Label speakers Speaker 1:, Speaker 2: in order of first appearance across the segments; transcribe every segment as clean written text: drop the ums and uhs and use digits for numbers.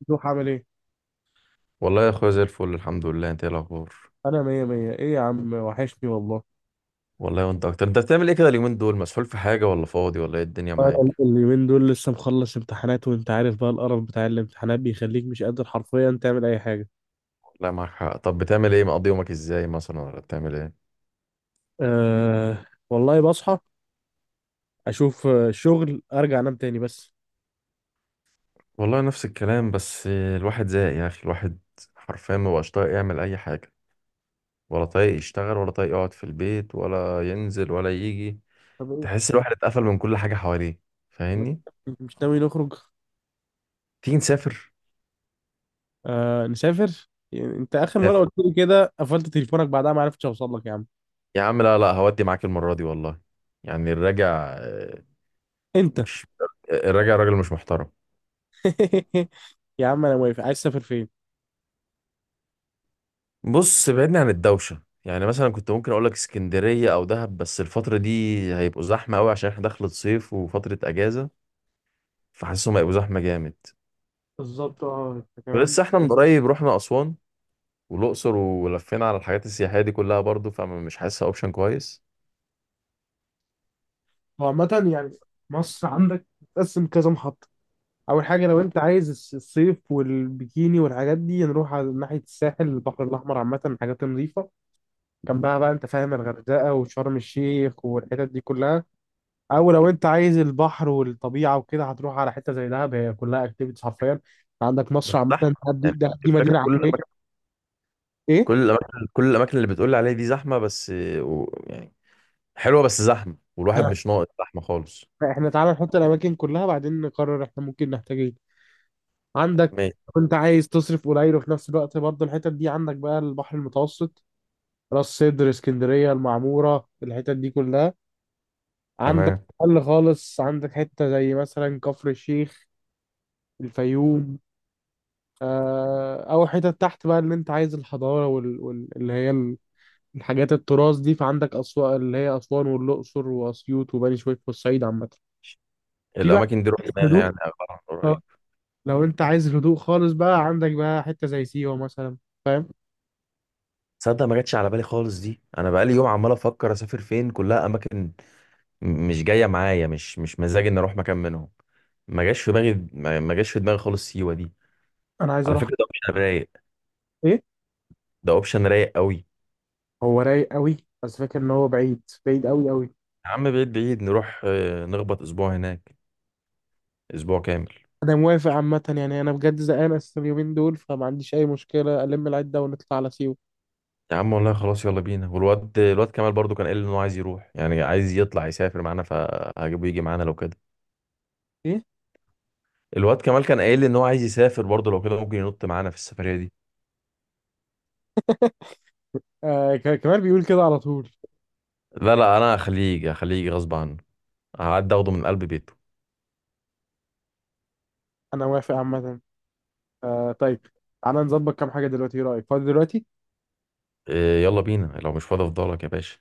Speaker 1: ممدوح عامل ايه؟
Speaker 2: والله يا اخويا زي الفل، الحمد لله. انت ايه الاخبار؟
Speaker 1: انا مية مية. ايه يا عم، وحشني والله.
Speaker 2: والله وانت اكتر. انت بتعمل ايه كده اليومين دول؟ مسحول في حاجه ولا فاضي ولا ايه الدنيا معاك؟
Speaker 1: أنا اليومين دول لسه مخلص امتحانات، وانت عارف بقى القرف بتاع الامتحانات بيخليك مش قادر حرفيا تعمل اي حاجة.
Speaker 2: والله معاك حق. طب بتعمل ايه؟ مقضي يومك ازاي مثلا ولا بتعمل ايه؟
Speaker 1: أه والله بصحى، اشوف شغل، ارجع انام تاني بس.
Speaker 2: والله نفس الكلام، بس الواحد زهق يا اخي. الواحد حرفيا ما بقاش طايق يعمل اي حاجه، ولا طايق يشتغل ولا طايق يقعد في البيت ولا ينزل ولا يجي.
Speaker 1: طب ايه
Speaker 2: تحس الواحد اتقفل من كل حاجه حواليه،
Speaker 1: طب
Speaker 2: فاهمني؟
Speaker 1: إيه؟ مش ناوي نخرج؟
Speaker 2: تيجي نسافر.
Speaker 1: أه نسافر، يعني انت اخر مرة
Speaker 2: نسافر
Speaker 1: قلت لي كده قفلت تليفونك، بعدها ما عرفتش اوصل لك يا عم.
Speaker 2: يا عم. لا لا، هودي معاك المره دي والله. يعني آه،
Speaker 1: انت
Speaker 2: مش الراجع راجل مش محترم.
Speaker 1: يا عم انا موافق، عايز تسافر فين؟
Speaker 2: بص بعدني عن الدوشة، يعني مثلا كنت ممكن اقول لك اسكندرية او دهب، بس الفترة دي هيبقوا زحمة قوي عشان احنا دخلت صيف وفترة اجازة، فحاسسهم هيبقوا زحمة جامد.
Speaker 1: بالظبط. اه انت كمان.
Speaker 2: ولسه احنا من قريب رحنا اسوان والاقصر ولفينا على الحاجات السياحية دي كلها برضو، فمش حاسسها اوبشن كويس.
Speaker 1: هو عامة يعني، مصر عندك، تقسم كذا محطة. اول حاجه لو انت عايز الصيف والبيكيني والحاجات دي، نروح على ناحيه الساحل، البحر الاحمر عامه، حاجات نظيفه جنبها بقى، انت فاهم، الغردقه وشرم الشيخ والحتت دي كلها. او لو انت عايز البحر والطبيعه وكده، هتروح على حته زي دهب، هي كلها اكتيفيتيز حرفيا. عندك مصر
Speaker 2: بس
Speaker 1: عامه،
Speaker 2: زحمة يعني.
Speaker 1: دهب دي
Speaker 2: الفكرة
Speaker 1: مدينه عربيه. ايه
Speaker 2: كل الاماكن اللي بتقول لي عليها دي زحمة بس، و، يعني، حلوة بس زحمة، والواحد مش ناقص زحمة خالص.
Speaker 1: احنا تعالى نحط الاماكن كلها، بعدين نقرر احنا ممكن نحتاج ايه. عندك
Speaker 2: ماشي.
Speaker 1: لو انت عايز تصرف قليل وفي نفس الوقت برضه الحتت دي، عندك بقى البحر المتوسط، راس سدر، اسكندريه، المعموره، الحتت دي كلها. عندك
Speaker 2: تمام.
Speaker 1: قل خالص، عندك حته زي مثلا كفر الشيخ، الفيوم. او حتت تحت بقى، اللي انت عايز الحضاره وال... وال... اللي هي ال- الحاجات التراث دي، فعندك اسوان، اللي هي اسوان والاقصر واسيوط وبني سويف والصعيد عامه. في بقى
Speaker 2: الاماكن دي رحناها يعني
Speaker 1: هدوء.
Speaker 2: أغلبها من قريب.
Speaker 1: آه، لو انت عايز هدوء خالص بقى، عندك بقى حته زي سيوه مثلا، فاهم؟
Speaker 2: تصدق ما جاتش على بالي خالص دي، انا بقالي يوم عمال افكر اسافر فين، كلها اماكن مش جايه معايا، مش مزاجي اني اروح مكان منهم. ما جاش في دماغي، ما جاش في دماغي خالص سيوه دي.
Speaker 1: انا عايز
Speaker 2: على
Speaker 1: اروح.
Speaker 2: فكره ده اوبشن رايق،
Speaker 1: ايه،
Speaker 2: ده اوبشن رايق قوي.
Speaker 1: هو رايق قوي. بس فاكر ان هو بعيد بعيد قوي قوي.
Speaker 2: يا عم بعيد بعيد، نروح نخبط اسبوع هناك، اسبوع كامل.
Speaker 1: انا موافق عامه يعني، انا بجد زهقان اساسا اليومين دول، فما عنديش اي مشكله، الم العده ونطلع على سيوه.
Speaker 2: يا عم والله خلاص يلا بينا. والواد كمال برضو كان قايل لي ان هو عايز يروح، يعني عايز يطلع يسافر معانا، فهجيبه يجي معانا لو كده.
Speaker 1: ايه
Speaker 2: الواد كمال كان قايل لي ان هو عايز يسافر برضو، لو كده ممكن ينط معانا في السفريه دي.
Speaker 1: آه، كمال بيقول كده على طول.
Speaker 2: لا لا، انا هخليه يجي هخليه يجي غصب عنه. هعدي اخده من قلب بيته.
Speaker 1: انا موافق عامه. طيب، تعالى نظبط كام حاجه دلوقتي. ايه رايك فاضي دلوقتي؟
Speaker 2: إيه يلا بينا، لو مش فاضي افضلك يا باشا.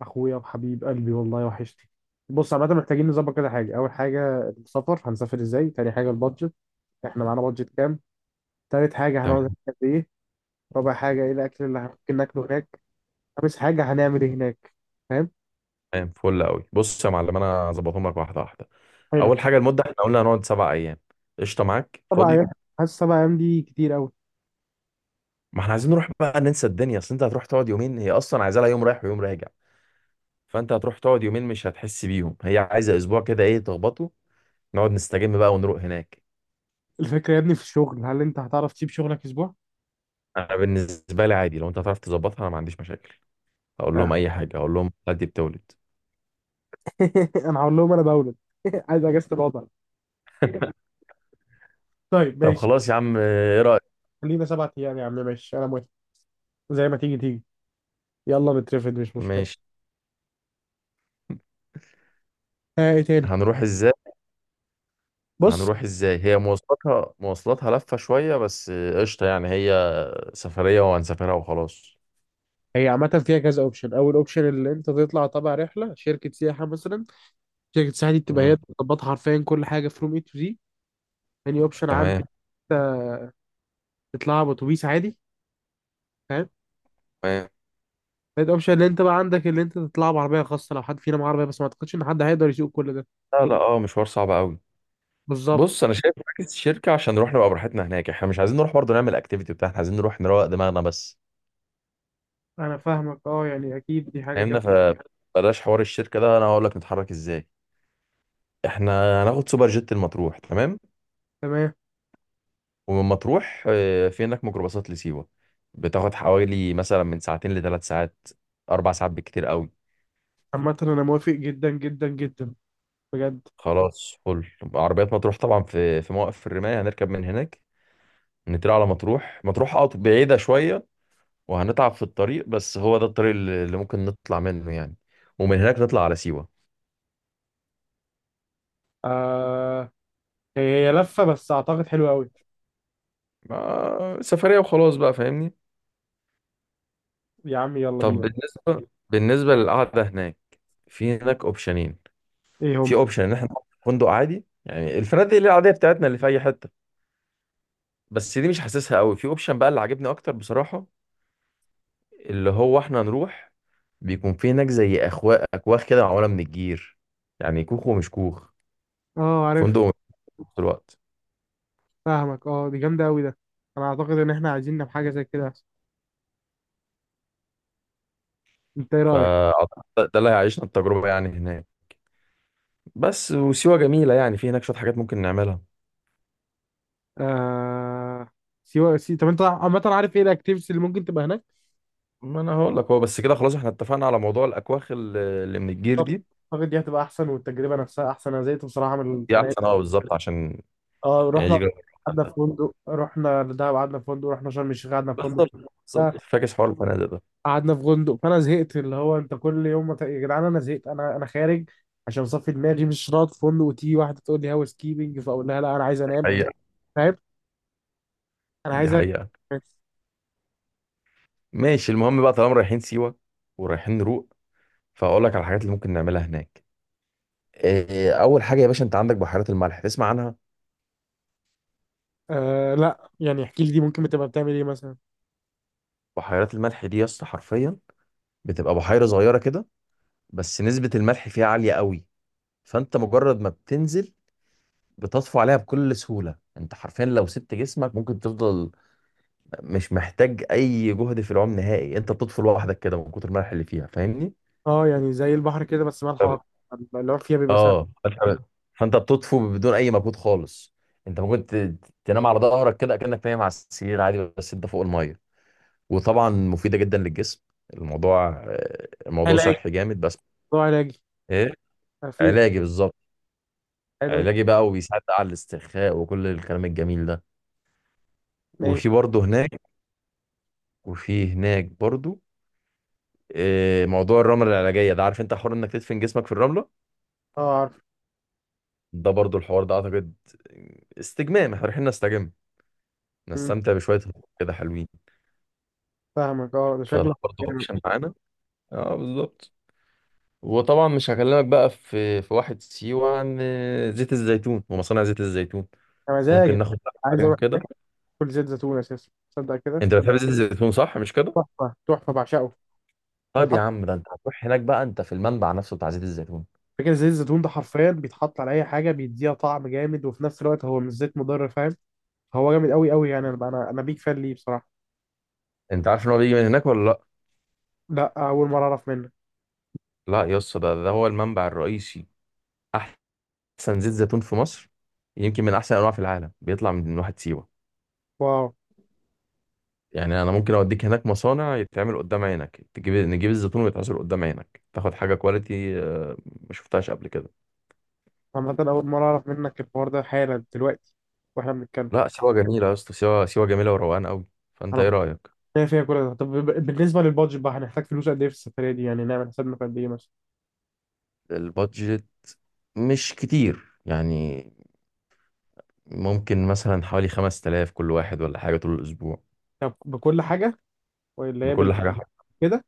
Speaker 1: اخويا وحبيب قلبي والله وحشتي. بص عامه، محتاجين نظبط كده حاجه. اول حاجه السفر، هنسافر ازاي؟ تاني حاجه البادجت، احنا معانا بادجت كام؟ تالت حاجه، هنقعد هناك
Speaker 2: تمام.
Speaker 1: قد ايه؟ رابع حاجه، ايه الاكل اللي ممكن ناكله هناك؟ خامس حاجه، هنعمل ايه هناك؟ فاهم؟
Speaker 2: تمام فل قوي. بص يا معلم انا هظبطهم لك واحده واحده.
Speaker 1: حلو.
Speaker 2: اول حاجه المده، احنا قلنا هنقعد سبع ايام. قشطه؟ معاك
Speaker 1: سبع
Speaker 2: فاضي.
Speaker 1: ايام حاسس 7 ايام دي كتير قوي.
Speaker 2: ما احنا عايزين نروح بقى ننسى الدنيا، اصل انت هتروح تقعد يومين، هي اصلا عايزه لها يوم رايح ويوم راجع، فانت هتروح تقعد يومين مش هتحس بيهم. هي عايزه اسبوع كده ايه تخبطه، نقعد نستجم بقى ونروق هناك.
Speaker 1: الفكرة يا ابني في الشغل، هل انت هتعرف تسيب شغلك اسبوع؟
Speaker 2: انا بالنسبه لي عادي، لو انت هتعرف تظبطها انا ما عنديش مشاكل. اقول
Speaker 1: آه.
Speaker 2: لهم اي حاجه، اقول لهم دي بتولد.
Speaker 1: انا هقول لهم انا بولد عايز اجازة الوضع. طيب
Speaker 2: طب
Speaker 1: ماشي.
Speaker 2: خلاص يا عم، ايه رايك؟
Speaker 1: خلينا 7 ايام يا عم، ماشي، انا موافق. زي ما تيجي تيجي، يلا نترفد مش مشكلة.
Speaker 2: ماشي.
Speaker 1: ها، ايه تاني؟
Speaker 2: هنروح ازاي
Speaker 1: بص،
Speaker 2: هنروح ازاي؟ هي مواصلاتها لفة شوية، بس قشطة يعني. هي سفرية وهنسافرها وخلاص.
Speaker 1: هي عامة فيها كذا اوبشن. اول اوبشن اللي انت تطلع تبع رحلة شركة سياحة مثلا، شركة سياحة دي بتبقى هي
Speaker 2: مم.
Speaker 1: بتظبطها حرفيا كل حاجة، فروم اي تو زي. تاني اوبشن عندك
Speaker 2: تمام.
Speaker 1: انت تطلعها باتوبيس عادي، فاهم؟
Speaker 2: تمام.
Speaker 1: تالت اوبشن اللي انت بقى عندك، اللي انت تطلعها بعربية خاصة، لو حد فينا معاه عربية، بس ما اعتقدش ان حد هيقدر يسوق كل ده.
Speaker 2: لا لا، اه مشوار صعب قوي.
Speaker 1: بالظبط.
Speaker 2: بص انا شايف مركز الشركة عشان نروح نبقى براحتنا هناك، احنا مش عايزين نروح برضه نعمل اكتيفيتي بتاعنا، احنا عايزين نروح نروق دماغنا بس،
Speaker 1: انا فاهمك اه، يعني اكيد دي حاجه
Speaker 2: فاهمنا؟
Speaker 1: جامده.
Speaker 2: فبلاش حوار الشركة ده، انا هقول لك نتحرك ازاي. احنا هناخد سوبر جيت المطروح. تمام.
Speaker 1: تمام.
Speaker 2: ومن مطروح في هناك ميكروباصات لسيوة، بتاخد حوالي مثلا من ساعتين لثلاث ساعات، اربع ساعات بالكتير قوي.
Speaker 1: عامه انا موافق جدا جدا جدا، بجد.
Speaker 2: خلاص فل. عربيات مطروح طبعا في موقف الرماية، هنركب من هناك نطلع على مطروح. مطروح اه بعيدة شوية، وهنتعب في الطريق، بس هو ده الطريق اللي ممكن نطلع منه يعني. ومن هناك نطلع على سيوة.
Speaker 1: آه، هي لفه بس اعتقد حلوه قوي.
Speaker 2: سفرية وخلاص بقى، فاهمني.
Speaker 1: يا عم يلا
Speaker 2: طب
Speaker 1: بينا.
Speaker 2: بالنسبة للقعدة هناك، في هناك اوبشنين.
Speaker 1: ايه
Speaker 2: في
Speaker 1: هم؟
Speaker 2: اوبشن ان احنا نقعد في فندق عادي، يعني الفنادق اللي العادية بتاعتنا اللي في اي حتة، بس دي مش حاسسها قوي. في اوبشن بقى اللي عاجبني اكتر بصراحة، اللي هو احنا نروح بيكون في هناك زي أخوا أكواخ كده معمولة من الجير، يعني كوخ ومش كوخ،
Speaker 1: اه عارف.
Speaker 2: فندق ومش فندق في الوقت.
Speaker 1: فاهمك اه، دي جامده قوي ده. انا اعتقد ان احنا عايزين نعمل حاجه زي كده، انت ايه رايك؟
Speaker 2: فأعتقد ده اللي هيعيشنا التجربة يعني هناك. بس وسيوة جميلة يعني، في هناك شوية حاجات ممكن نعملها.
Speaker 1: آه، سيوة، طب انت عامه عارف ايه الاكتيفيتيز اللي ممكن تبقى هناك؟
Speaker 2: ما أنا هقول لك هو. بس كده خلاص احنا اتفقنا على موضوع الأكواخ اللي من الجير
Speaker 1: طب
Speaker 2: دي،
Speaker 1: اعتقد دي هتبقى احسن، والتجربه نفسها احسن. انا زهقت بصراحه من
Speaker 2: دي
Speaker 1: السنه دي.
Speaker 2: أحسن أه بالظبط عشان
Speaker 1: اه
Speaker 2: نعيش
Speaker 1: رحنا
Speaker 2: جو.
Speaker 1: قعدنا في فندق، رحنا دهب قعدنا في فندق، رحنا شرم الشيخ قعدنا في فندق.
Speaker 2: بالظبط.
Speaker 1: آه،
Speaker 2: بالظبط فاكس حوار الفنادق ده.
Speaker 1: قعدنا في فندق، فانا زهقت. اللي هو انت كل يوم يا جدعان انا زهقت، انا خارج عشان اصفي دماغي. مش راضي في فندق، وتيجي واحده تقول لي هاوس كيبنج، فاقول لها لا انا عايز
Speaker 2: دي
Speaker 1: انام،
Speaker 2: حقيقة.
Speaker 1: فاهم؟ انا
Speaker 2: دي
Speaker 1: عايز أرجع.
Speaker 2: حقيقة. ماشي المهم بقى، طالما رايحين سيوة ورايحين نروق، فأقول لك على الحاجات اللي ممكن نعملها هناك. إيه، اول حاجه يا باشا، انت عندك بحيرات الملح، تسمع عنها؟
Speaker 1: آه، لا، يعني احكي لي دي ممكن بتبقى بتعمل ايه مثلا؟
Speaker 2: بحيرات الملح دي يا اسطى حرفيا بتبقى بحيره صغيره كده، بس نسبه الملح فيها عاليه قوي، فانت مجرد ما بتنزل بتطفو عليها بكل سهوله. انت حرفيا لو سبت جسمك ممكن تفضل مش محتاج اي جهد في العوم نهائي، انت بتطفو لوحدك كده من كتر الملح اللي فيها، فاهمني؟
Speaker 1: اه يعني زي البحر كده بس مالها
Speaker 2: طب-
Speaker 1: اكتر؟ اللي هو فيها بيبقى سهل.
Speaker 2: اه طب- فانت بتطفو بدون اي مجهود خالص، انت ممكن تنام على ظهرك كده كأنك نايم على السرير عادي، بس انت فوق الميه. وطبعا مفيدة جدا للجسم. الموضوع
Speaker 1: علاجي،
Speaker 2: صحي جامد بس.
Speaker 1: موضوع علاجي.
Speaker 2: ايه،
Speaker 1: آه، في في-
Speaker 2: علاجي بالظبط.
Speaker 1: حلو. إيه؟
Speaker 2: علاجي بقى، وبيساعد بقى على الاسترخاء وكل الكلام الجميل ده.
Speaker 1: ماشي.
Speaker 2: وفي برضه هناك وفي هناك برضه موضوع الرملة العلاجية ده، عارف انت حوار انك تدفن جسمك في الرملة.
Speaker 1: اه عارف.
Speaker 2: ده برضه الحوار ده اعتقد استجمام، احنا رايحين نستجم،
Speaker 1: مم،
Speaker 2: نستمتع بشوية هدوء كده حلوين.
Speaker 1: فاهمك اه، ده
Speaker 2: فده
Speaker 1: شكله
Speaker 2: برضه
Speaker 1: يعني.
Speaker 2: اوبشن معانا. اه بالظبط. وطبعا مش هكلمك بقى في واحد سيوة عن زيت الزيتون ومصانع زيت الزيتون.
Speaker 1: يا
Speaker 2: ممكن
Speaker 1: مزاجك.
Speaker 2: ناخد
Speaker 1: عايز
Speaker 2: عليهم
Speaker 1: اروح
Speaker 2: كده.
Speaker 1: اكل زيت زيتون اساسا تصدق كده.
Speaker 2: انت بتحب زيت الزيتون صح مش كده؟
Speaker 1: تحفه تحفه، بعشقه.
Speaker 2: طيب يا
Speaker 1: بيتحط
Speaker 2: عم ده انت هتروح هناك بقى انت في المنبع نفسه بتاع زيت الزيتون.
Speaker 1: فاكر زيت الزيتون ده حرفيا بيتحط على اي حاجه، بيديها طعم جامد، وفي نفس الوقت هو مش زيت مضر، فاهم؟ هو جامد قوي قوي يعني، انا أنا بيك فان ليه بصراحه.
Speaker 2: انت عارف ان هو بيجي من هناك ولا لا؟
Speaker 1: لا، اول مره اعرف منك.
Speaker 2: لا يا اسطى ده هو المنبع الرئيسي، احسن زيت زيتون في مصر، يمكن من احسن انواع في العالم بيطلع من واحد سيوه.
Speaker 1: واو.
Speaker 2: يعني انا ممكن اوديك هناك مصانع يتعمل قدام عينك، نجيب الزيتون ويتعصر قدام عينك، تاخد حاجه كواليتي ما شفتهاش قبل كده.
Speaker 1: عامه اول مره اعرف منك الحوار ده حالا دلوقتي واحنا بنتكلم.
Speaker 2: لا سيوه جميله يا اسطى، سيوه سيوه جميله وروقان قوي. فانت
Speaker 1: انا
Speaker 2: ايه
Speaker 1: كنت
Speaker 2: رايك؟
Speaker 1: شايف فيها كل ده. طب بالنسبه للبادجت بقى، هنحتاج فلوس قد ايه في السفريه دي؟ يعني نعمل حسابنا في قد ايه مثلا؟
Speaker 2: البادجت مش كتير يعني، ممكن مثلا حوالي 5000 كل واحد ولا حاجة طول الأسبوع.
Speaker 1: طب بكل حاجه ولا هي
Speaker 2: بكل حاجة. مم.
Speaker 1: كده؟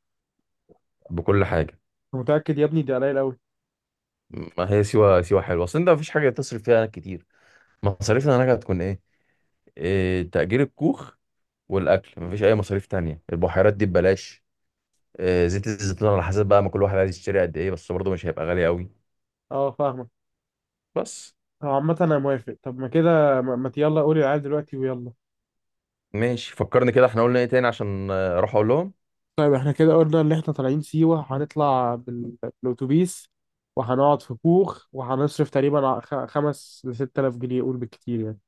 Speaker 2: بكل حاجة.
Speaker 1: متاكد يا ابني ده قليل قوي؟
Speaker 2: ما هي سيوة، سيوة حلوة، أصل أنت مفيش حاجة تصرف فيها كتير. مصاريفنا هناك هتكون إيه؟ إيه، تأجير الكوخ والأكل، مفيش أي مصاريف تانية، البحيرات دي ببلاش. إيه، زيت الزيتون على حسب بقى ما كل واحد عايز يشتري قد إيه، بس برضه مش هيبقى غالي قوي
Speaker 1: اه فاهمك.
Speaker 2: بس.
Speaker 1: طب عامه انا موافق. طب ما كده، ما يلا قولي العيال دلوقتي ويلا.
Speaker 2: ماشي، فكرني كده إحنا قلنا إيه تاني عشان أروح أقول لهم.
Speaker 1: طيب احنا كده قلنا ان احنا طالعين سيوة، هنطلع بالاتوبيس، وهنقعد في كوخ، وهنصرف تقريبا 5 لـ 6 آلاف جنيه قول بالكتير يعني.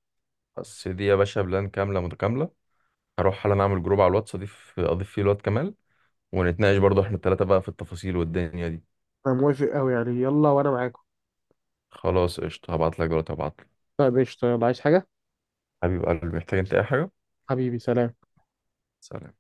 Speaker 2: بس دي يا باشا بلان كاملة متكاملة. هروح حالا أعمل جروب على الواتس، أضيف فيه الواد كمال، ونتناقش برضه إحنا التلاتة بقى في التفاصيل والدنيا دي.
Speaker 1: انا موافق قوي يعني، يلا وانا معاكم.
Speaker 2: خلاص قشطة، هبعتلك دلوقتي هبعتلك.
Speaker 1: طيب قشطة، يلا. عايز حاجة؟
Speaker 2: حبيب قلبي محتاج انت اي حاجة؟
Speaker 1: حبيبي، سلام.
Speaker 2: سلام.